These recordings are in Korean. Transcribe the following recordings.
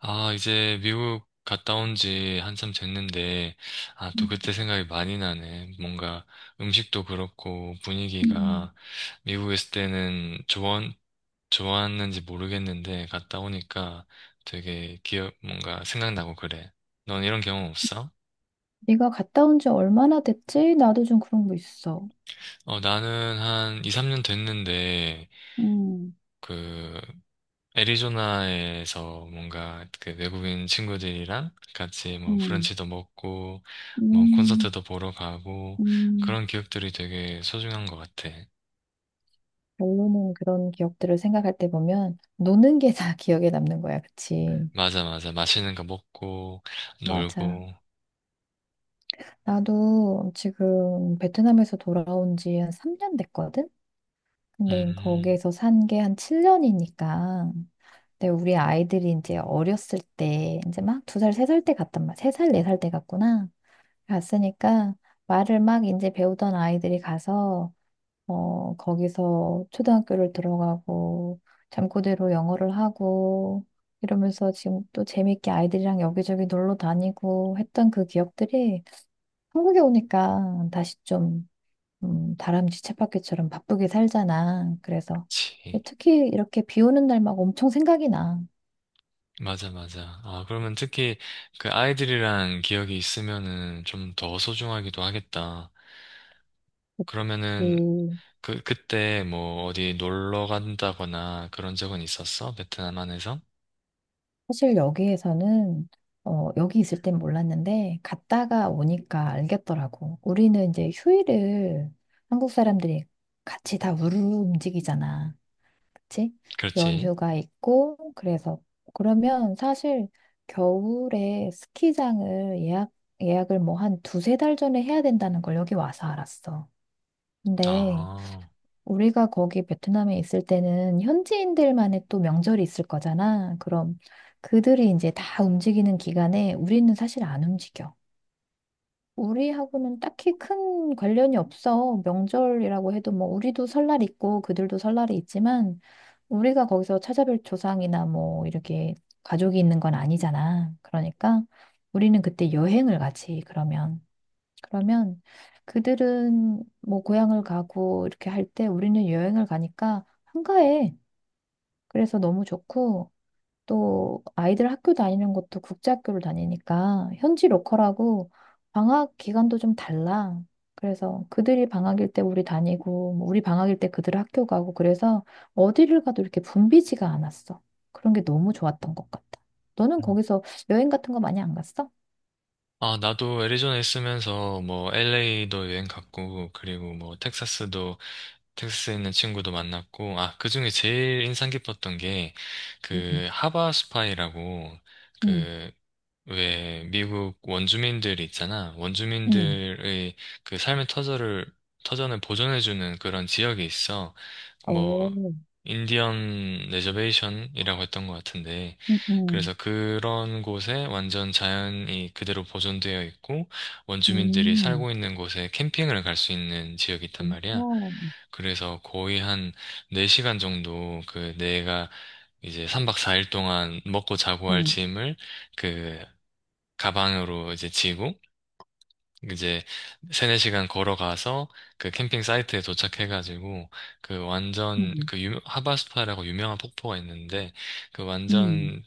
아, 이제 미국 갔다 온지 한참 됐는데, 아, 또 음, 그때 생각이 많이 나네. 뭔가 음식도 그렇고 음. 분위기가 미국에 있을 때는 좋았는지 모르겠는데, 갔다 오니까 되게 기억, 뭔가 생각나고 그래. 넌 이런 경험 없어? 네가 갔다 온지 얼마나 됐지? 나도 좀 그런 거 있어. 어, 나는 한 이삼 년 됐는데, 음, 그 애리조나에서 뭔가 그 외국인 친구들이랑 같이 뭐 음, 브런치도 먹고 뭐 음, 콘서트도 보러 가고 음. 그런 기억들이 되게 소중한 것 같아. 결론은 그런 기억들을 생각할 때 보면 노는 게 다 기억에 남는 거야, 그치? 맞아, 맞아. 맛있는 거 먹고 맞아. 놀고. 나도 지금 베트남에서 돌아온 지 한 3년 됐거든? 근데 음, 거기에서 산 게 한 7년이니까. 근데 우리 아이들이 이제 어렸을 때, 이제 막 두 살, 세 살 때 갔단 말이야. 세 살, 네 살 때 갔구나. 갔으니까 말을 막 이제 배우던 아이들이 가서 거기서 초등학교를 들어가고 잠꼬대로 영어를 하고 이러면서 지금 또 재밌게 아이들이랑 여기저기 놀러 다니고 했던 그 기억들이 한국에 오니까 다시 좀 다람쥐 쳇바퀴처럼 바쁘게 살잖아. 그래서 그치. 특히 이렇게 비 오는 날 막 엄청 생각이 나. 맞아, 맞아. 아, 그러면 특히 그 아이들이랑 기억이 있으면은 좀 더 소중하기도 하겠다. 그러면은 그, 그때 뭐 어디 놀러 간다거나 그런 적은 있었어? 베트남 안에서? 사실 여기에서는 여기 있을 땐 몰랐는데 갔다가 오니까 알겠더라고. 우리는 이제 휴일을 한국 사람들이 같이 다 우르르 움직이잖아. 그치? 그렇지. 연휴가 있고 그래서 그러면 사실 겨울에 스키장을 예약을 뭐 한 두세 달 전에 해야 된다는 걸 여기 와서 알았어. 근데 아, 우리가 거기 베트남에 있을 때는 현지인들만의 또 명절이 있을 거잖아. 그럼 그들이 이제 다 움직이는 기간에 우리는 사실 안 움직여. 우리하고는 딱히 큰 관련이 없어. 명절이라고 해도 뭐 우리도 설날 있고 그들도 설날이 있지만 우리가 거기서 찾아뵐 조상이나 뭐 이렇게 가족이 있는 건 아니잖아. 그러니까 우리는 그때 여행을 가지, 그러면. 그러면 그들은 뭐 고향을 가고 이렇게 할 때 우리는 여행을 가니까 한가해. 그래서 너무 좋고 또 아이들 학교 다니는 것도 국제학교를 다니니까 현지 로컬하고 방학 기간도 좀 달라. 그래서 그들이 방학일 때 우리 다니고 뭐 우리 방학일 때 그들 학교 가고 그래서 어디를 가도 이렇게 붐비지가 않았어. 그런 게 너무 좋았던 것 같아. 너는 음. 거기서 여행 같은 거 많이 안 갔어? 아, 나도 애리조나에 있으면서 뭐 LA도 여행 갔고, 그리고 뭐 텍사스도, 텍사스에 있는 친구도 만났고, 아, 그 중에 제일 인상 깊었던 게 음, 그 하바 스파이라고 음, 그 왜 미국 원주민들 있잖아. 음. 원주민들의 그 삶의 터전을 보존해주는 그런 지역이 있어. 뭐 오, 인디언 레저베이션이라고 했던 것 같은데, 음, 그래서 음. 그런 곳에 완전 자연이 그대로 보존되어 있고 원주민들이 음, 살고 있는 곳에 캠핑을 갈 수 있는 지역이 있단 말이야. 그 그래서 거의 한 4시간 정도 그 내가 이제 3박 4일 동안 먹고 자고 할 음, 짐을 그 가방으로 이제 지고 이제 세네 시간 걸어가서 그 캠핑 사이트에 도착해가지고 그 완전 음, 그 유, 하바스파라고 유명한 폭포가 있는데 그 음, 완전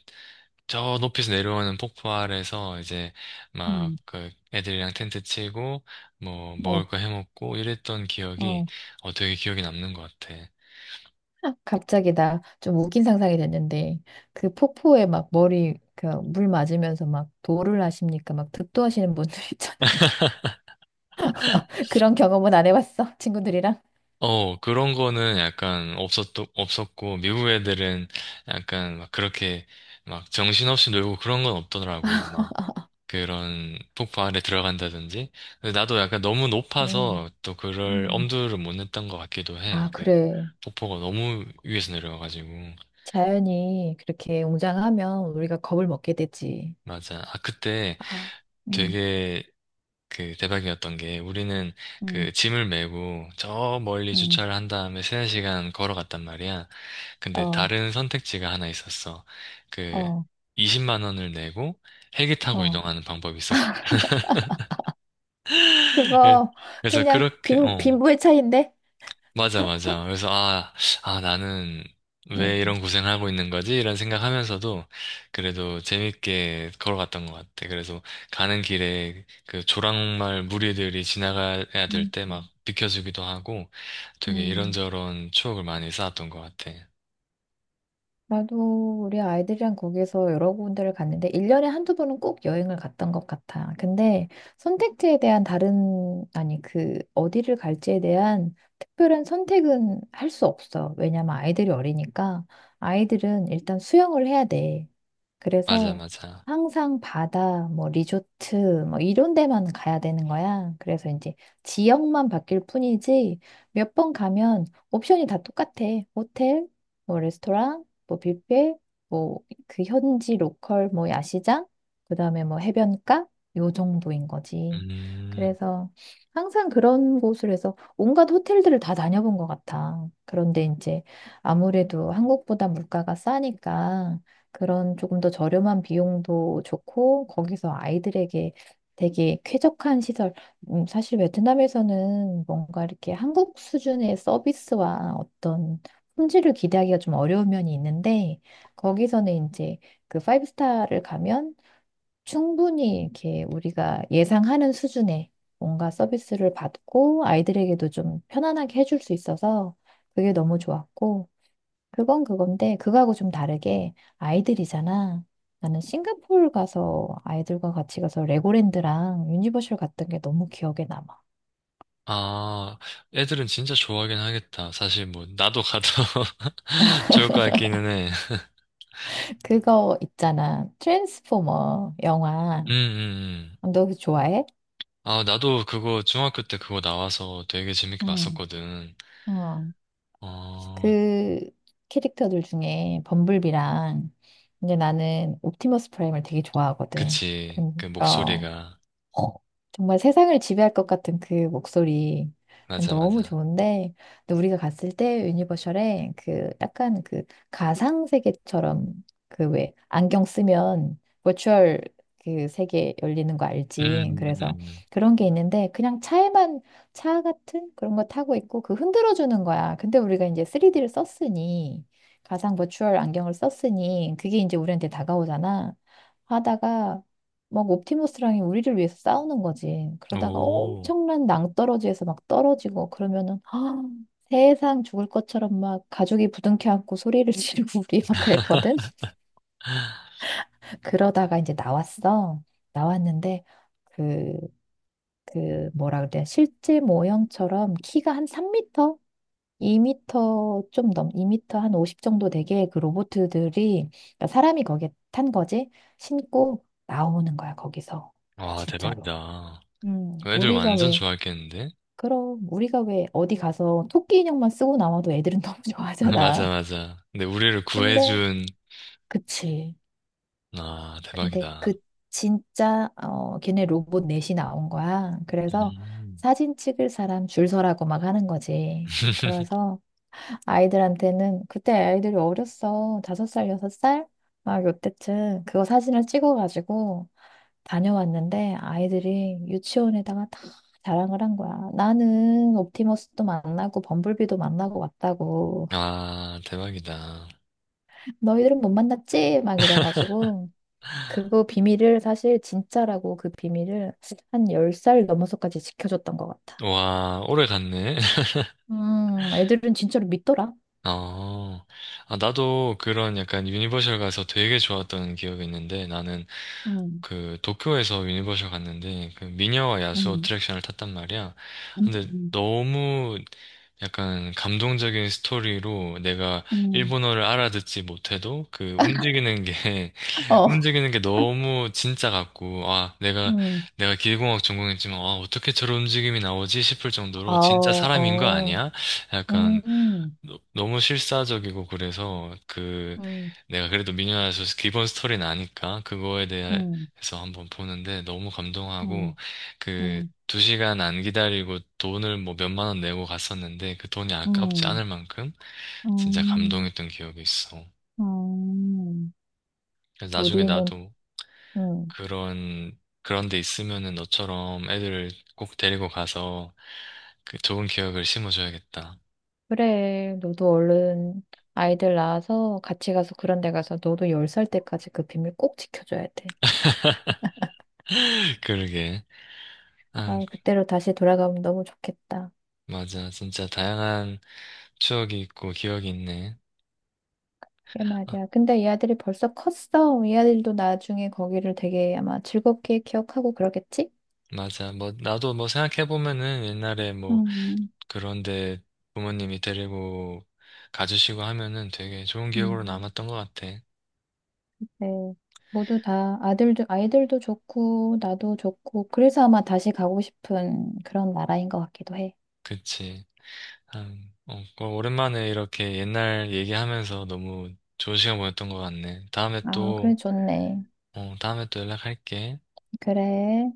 저 높이서 내려오는 폭포 아래서 이제 막 음, 그 애들이랑 텐트 치고 뭐 어, 먹을 거 해먹고 이랬던 기억이 어. 어 되게 기억에 남는 것 같아. 갑자기 나 좀 웃긴 상상이 됐는데, 그 폭포에 막 머리, 그 물 맞으면서 막 도를 하십니까? 막 득도하시는 분들 있잖아. 그런 경험은 안 해봤어, 친구들이랑. 어 그런 거는 약간 없었고 미국 애들은 약간 막 그렇게 막 정신없이 놀고 그런 건 없더라고. 그런 폭포 안에 들어간다든지. 근데 나도 약간 너무 음, 높아서 또 그럴 음. 엄두를 못 냈던 것 같기도 해. 아, 그 그래. 폭포가 너무 위에서 내려와가지고. 자연이 그렇게 웅장하면 우리가 겁을 먹게 되지. 맞아. 아, 그때 아, 음, 되게 그 대박이었던 게 우리는 음, 그 짐을 메고 저 멀리 음, 주차를 한 다음에 세네 시간 걸어갔단 말이야. 근데 어, 다른 선택지가 하나 있었어. 그 어, 20만 원을 내고 헬기 타고 어. 이동하는 방법이 있었거든. 그거, 그래서 그냥 그렇게, 빈, 어. 빈부의 차이인데? 맞아, 맞아. 그래서, 아, 아, 나는 왜 이런 고생을 하고 있는 거지? 이런 생각하면서도 그래도 재밌게 걸어갔던 것 같아. 그래서 가는 길에 그 조랑말 무리들이 지나가야 될 음, 때 막 비켜주기도 하고 되게 음. 이런저런 추억을 많이 쌓았던 것 같아. 나도 우리 아이들이랑 거기서 여러 군데를 갔는데, 1년에 한두 번은 꼭 여행을 갔던 것 같아. 근데 선택지에 대한 다른, 아니, 그, 어디를 갈지에 대한 특별한 선택은 할 수 없어. 왜냐면 아이들이 어리니까 아이들은 일단 수영을 해야 돼. 맞아, 그래서 맞아. 항상 바다, 뭐, 리조트, 뭐, 이런 데만 가야 되는 거야. 그래서 이제 지역만 바뀔 뿐이지 몇 번 가면 옵션이 다 똑같아. 호텔, 뭐 레스토랑, 뭐 뷔페, 뭐 그 현지 로컬 뭐 야시장, 그다음에 뭐 해변가 요 정도인 거지. 음, 그래서 항상 그런 곳을 해서 온갖 호텔들을 다 다녀본 것 같아. 그런데 이제 아무래도 한국보다 물가가 싸니까 그런 조금 더 저렴한 비용도 좋고 거기서 아이들에게 되게 쾌적한 시설. 사실 베트남에서는 뭔가 이렇게 한국 수준의 서비스와 어떤 품질을 기대하기가 좀 어려운 면이 있는데 거기서는 이제 그 파이브 스타를 가면 충분히 이렇게 우리가 예상하는 수준의 뭔가 서비스를 받고 아이들에게도 좀 편안하게 해줄 수 있어서 그게 너무 좋았고 그건 그건데 그거하고 좀 다르게 아이들이잖아. 나는 싱가포르 가서 아이들과 같이 가서 레고랜드랑 유니버셜 갔던 게 너무 기억에 남아. 아, 애들은 진짜 좋아하긴 하겠다. 사실 뭐, 나도 가도 좋을 것 같기는 해. 그거 있잖아. 트랜스포머 영화. 음, 음, 음. 너 그거 좋아해? 아, 나도 그거 중학교 때 그거 나와서 되게 재밌게 응. 봤었거든. 어, 어, 그 캐릭터들 중에 범블비랑 이제 나는 옵티머스 프라임을 되게 좋아하거든. 그치. 그, 그 어, 목소리가. 어, 정말 세상을 지배할 것 같은 그 목소리 맞아, 너무 맞아. 좋은데 근데 우리가 갔을 때 유니버셜에 그 약간 그 가상 세계처럼 그 왜 안경 쓰면 버추얼 그 세계 열리는 거 알지? 음, 그래서 음, 그런 게 있는데 그냥 차에만 차 같은 그런 거 타고 있고 그 흔들어 주는 거야. 근데 우리가 이제 3D를 썼으니 가상 버추얼 안경을 썼으니 그게 이제 우리한테 다가오잖아. 하다가 막 옵티머스랑이 우리를 위해서 싸우는 거지. 그러다가 오. 엄청난 낭떠러지에서 막 떨어지고 그러면은 아, 세상 죽을 것처럼 막 가죽이 부둥켜 안고 소리를 지르고 우리 막 그랬거든. 그러다가 이제 나왔어. 나왔는데 그, 그 뭐라 그래? 실제 모형처럼 키가 한 3미터? 2미터 좀 넘, 2미터 한 50 정도 되게 그 로봇들이 그러니까 사람이 거기에 탄 거지 신고 나오는 거야 거기서 와, 진짜로. 대박이다. 그 애들 우리가 완전 왜, 좋아했겠는데? 그럼, 우리가 왜 어디 가서 토끼 인형만 쓰고 나와도 애들은 너무 맞아, 좋아하잖아. 맞아. 근데 우리를 근데, 구해준, 그치. 아, 근데 그 대박이다. 진짜, 걔네 로봇 넷이 나온 거야. 그래서 음. 사진 찍을 사람 줄 서라고 막 하는 거지. 그래서 아이들한테는 그때 아이들이 어렸어. 다섯 살, 여섯 살? 막 요때쯤 그거 사진을 찍어가지고 다녀왔는데 아이들이 유치원에다가 다 자랑을 한 거야. 나는 옵티머스도 만나고 범블비도 만나고 왔다고. 아, 대박이다. 너희들은 못 만났지? 막 이래가지고 그거 비밀을 사실 진짜라고 그 비밀을 한 10살 넘어서까지 지켜줬던 것 같아. 와, 오래 갔네. 애들은 진짜로 믿더라. 어, 아, 나도 그런 약간 유니버셜 가서 되게 좋았던 기억이 있는데 나는 음, 그 도쿄에서 유니버셜 갔는데 그 미녀와 야수 음, 어트랙션을 탔단 말이야. 음, 근데 음, 너무 약간 감동적인 스토리로 내가 음. 일본어를 알아듣지 못해도 그 움직이는 게 어, 움직이는 게 너무 진짜 같고 아 내가 음. 내가 기계공학 전공했지만 아 어떻게 저런 움직임이 나오지 싶을 아, 정도로 진짜 사람인 거 어, 아니야? 약간 음, 너무 실사적이고 그래서 그 음, 내가 그래도 미녀와서 기본 스토리는 아니까 그거에 음, 대해서 한번 보는데 너무 음, 감동하고 그 음, 두 시간 안 기다리고 돈을 뭐 몇만 원 내고 갔었는데 그 돈이 아깝지 음, 않을 만큼 진짜 음, 감동했던 기억이 있어. 음. 그래서 나중에 우리는, 나도 음, 그런 데 있으면은 너처럼 애들을 꼭 데리고 가서 그 좋은 기억을 심어줘야겠다. 그래, 너도 얼른 아이들 낳아서 같이 가서 그런 데 가서 너도 10살 때까지 그 비밀 꼭 지켜줘야 돼. 그러게. 아, 아, 그때로 다시 돌아가면 너무 좋겠다. 맞아. 진짜 다양한 추억이 있고 기억이 있네. 그게 아, 말이야. 근데 이 아들이 벌써 컸어. 이 아들도 나중에 거기를 되게 아마 즐겁게 기억하고 그러겠지? 맞아. 뭐 나도 뭐 생각해 보면은 옛날에 뭐 음, 그런데 부모님이 데리고 가주시고 하면은 되게 좋은 기억으로 음. 남았던 것 같아. 네. 모두 다 아들도, 아이들도 좋고, 나도 좋고, 그래서 아마 다시 가고 싶은 그런 나라인 것 같기도 해. 그치. 참, 어, 어, 오랜만에 이렇게 옛날 얘기하면서 너무 좋은 시간 보냈던 것 같네. 다음에 아, 그래, 또, 좋네. 어, 다음에 또 연락할게. 그래.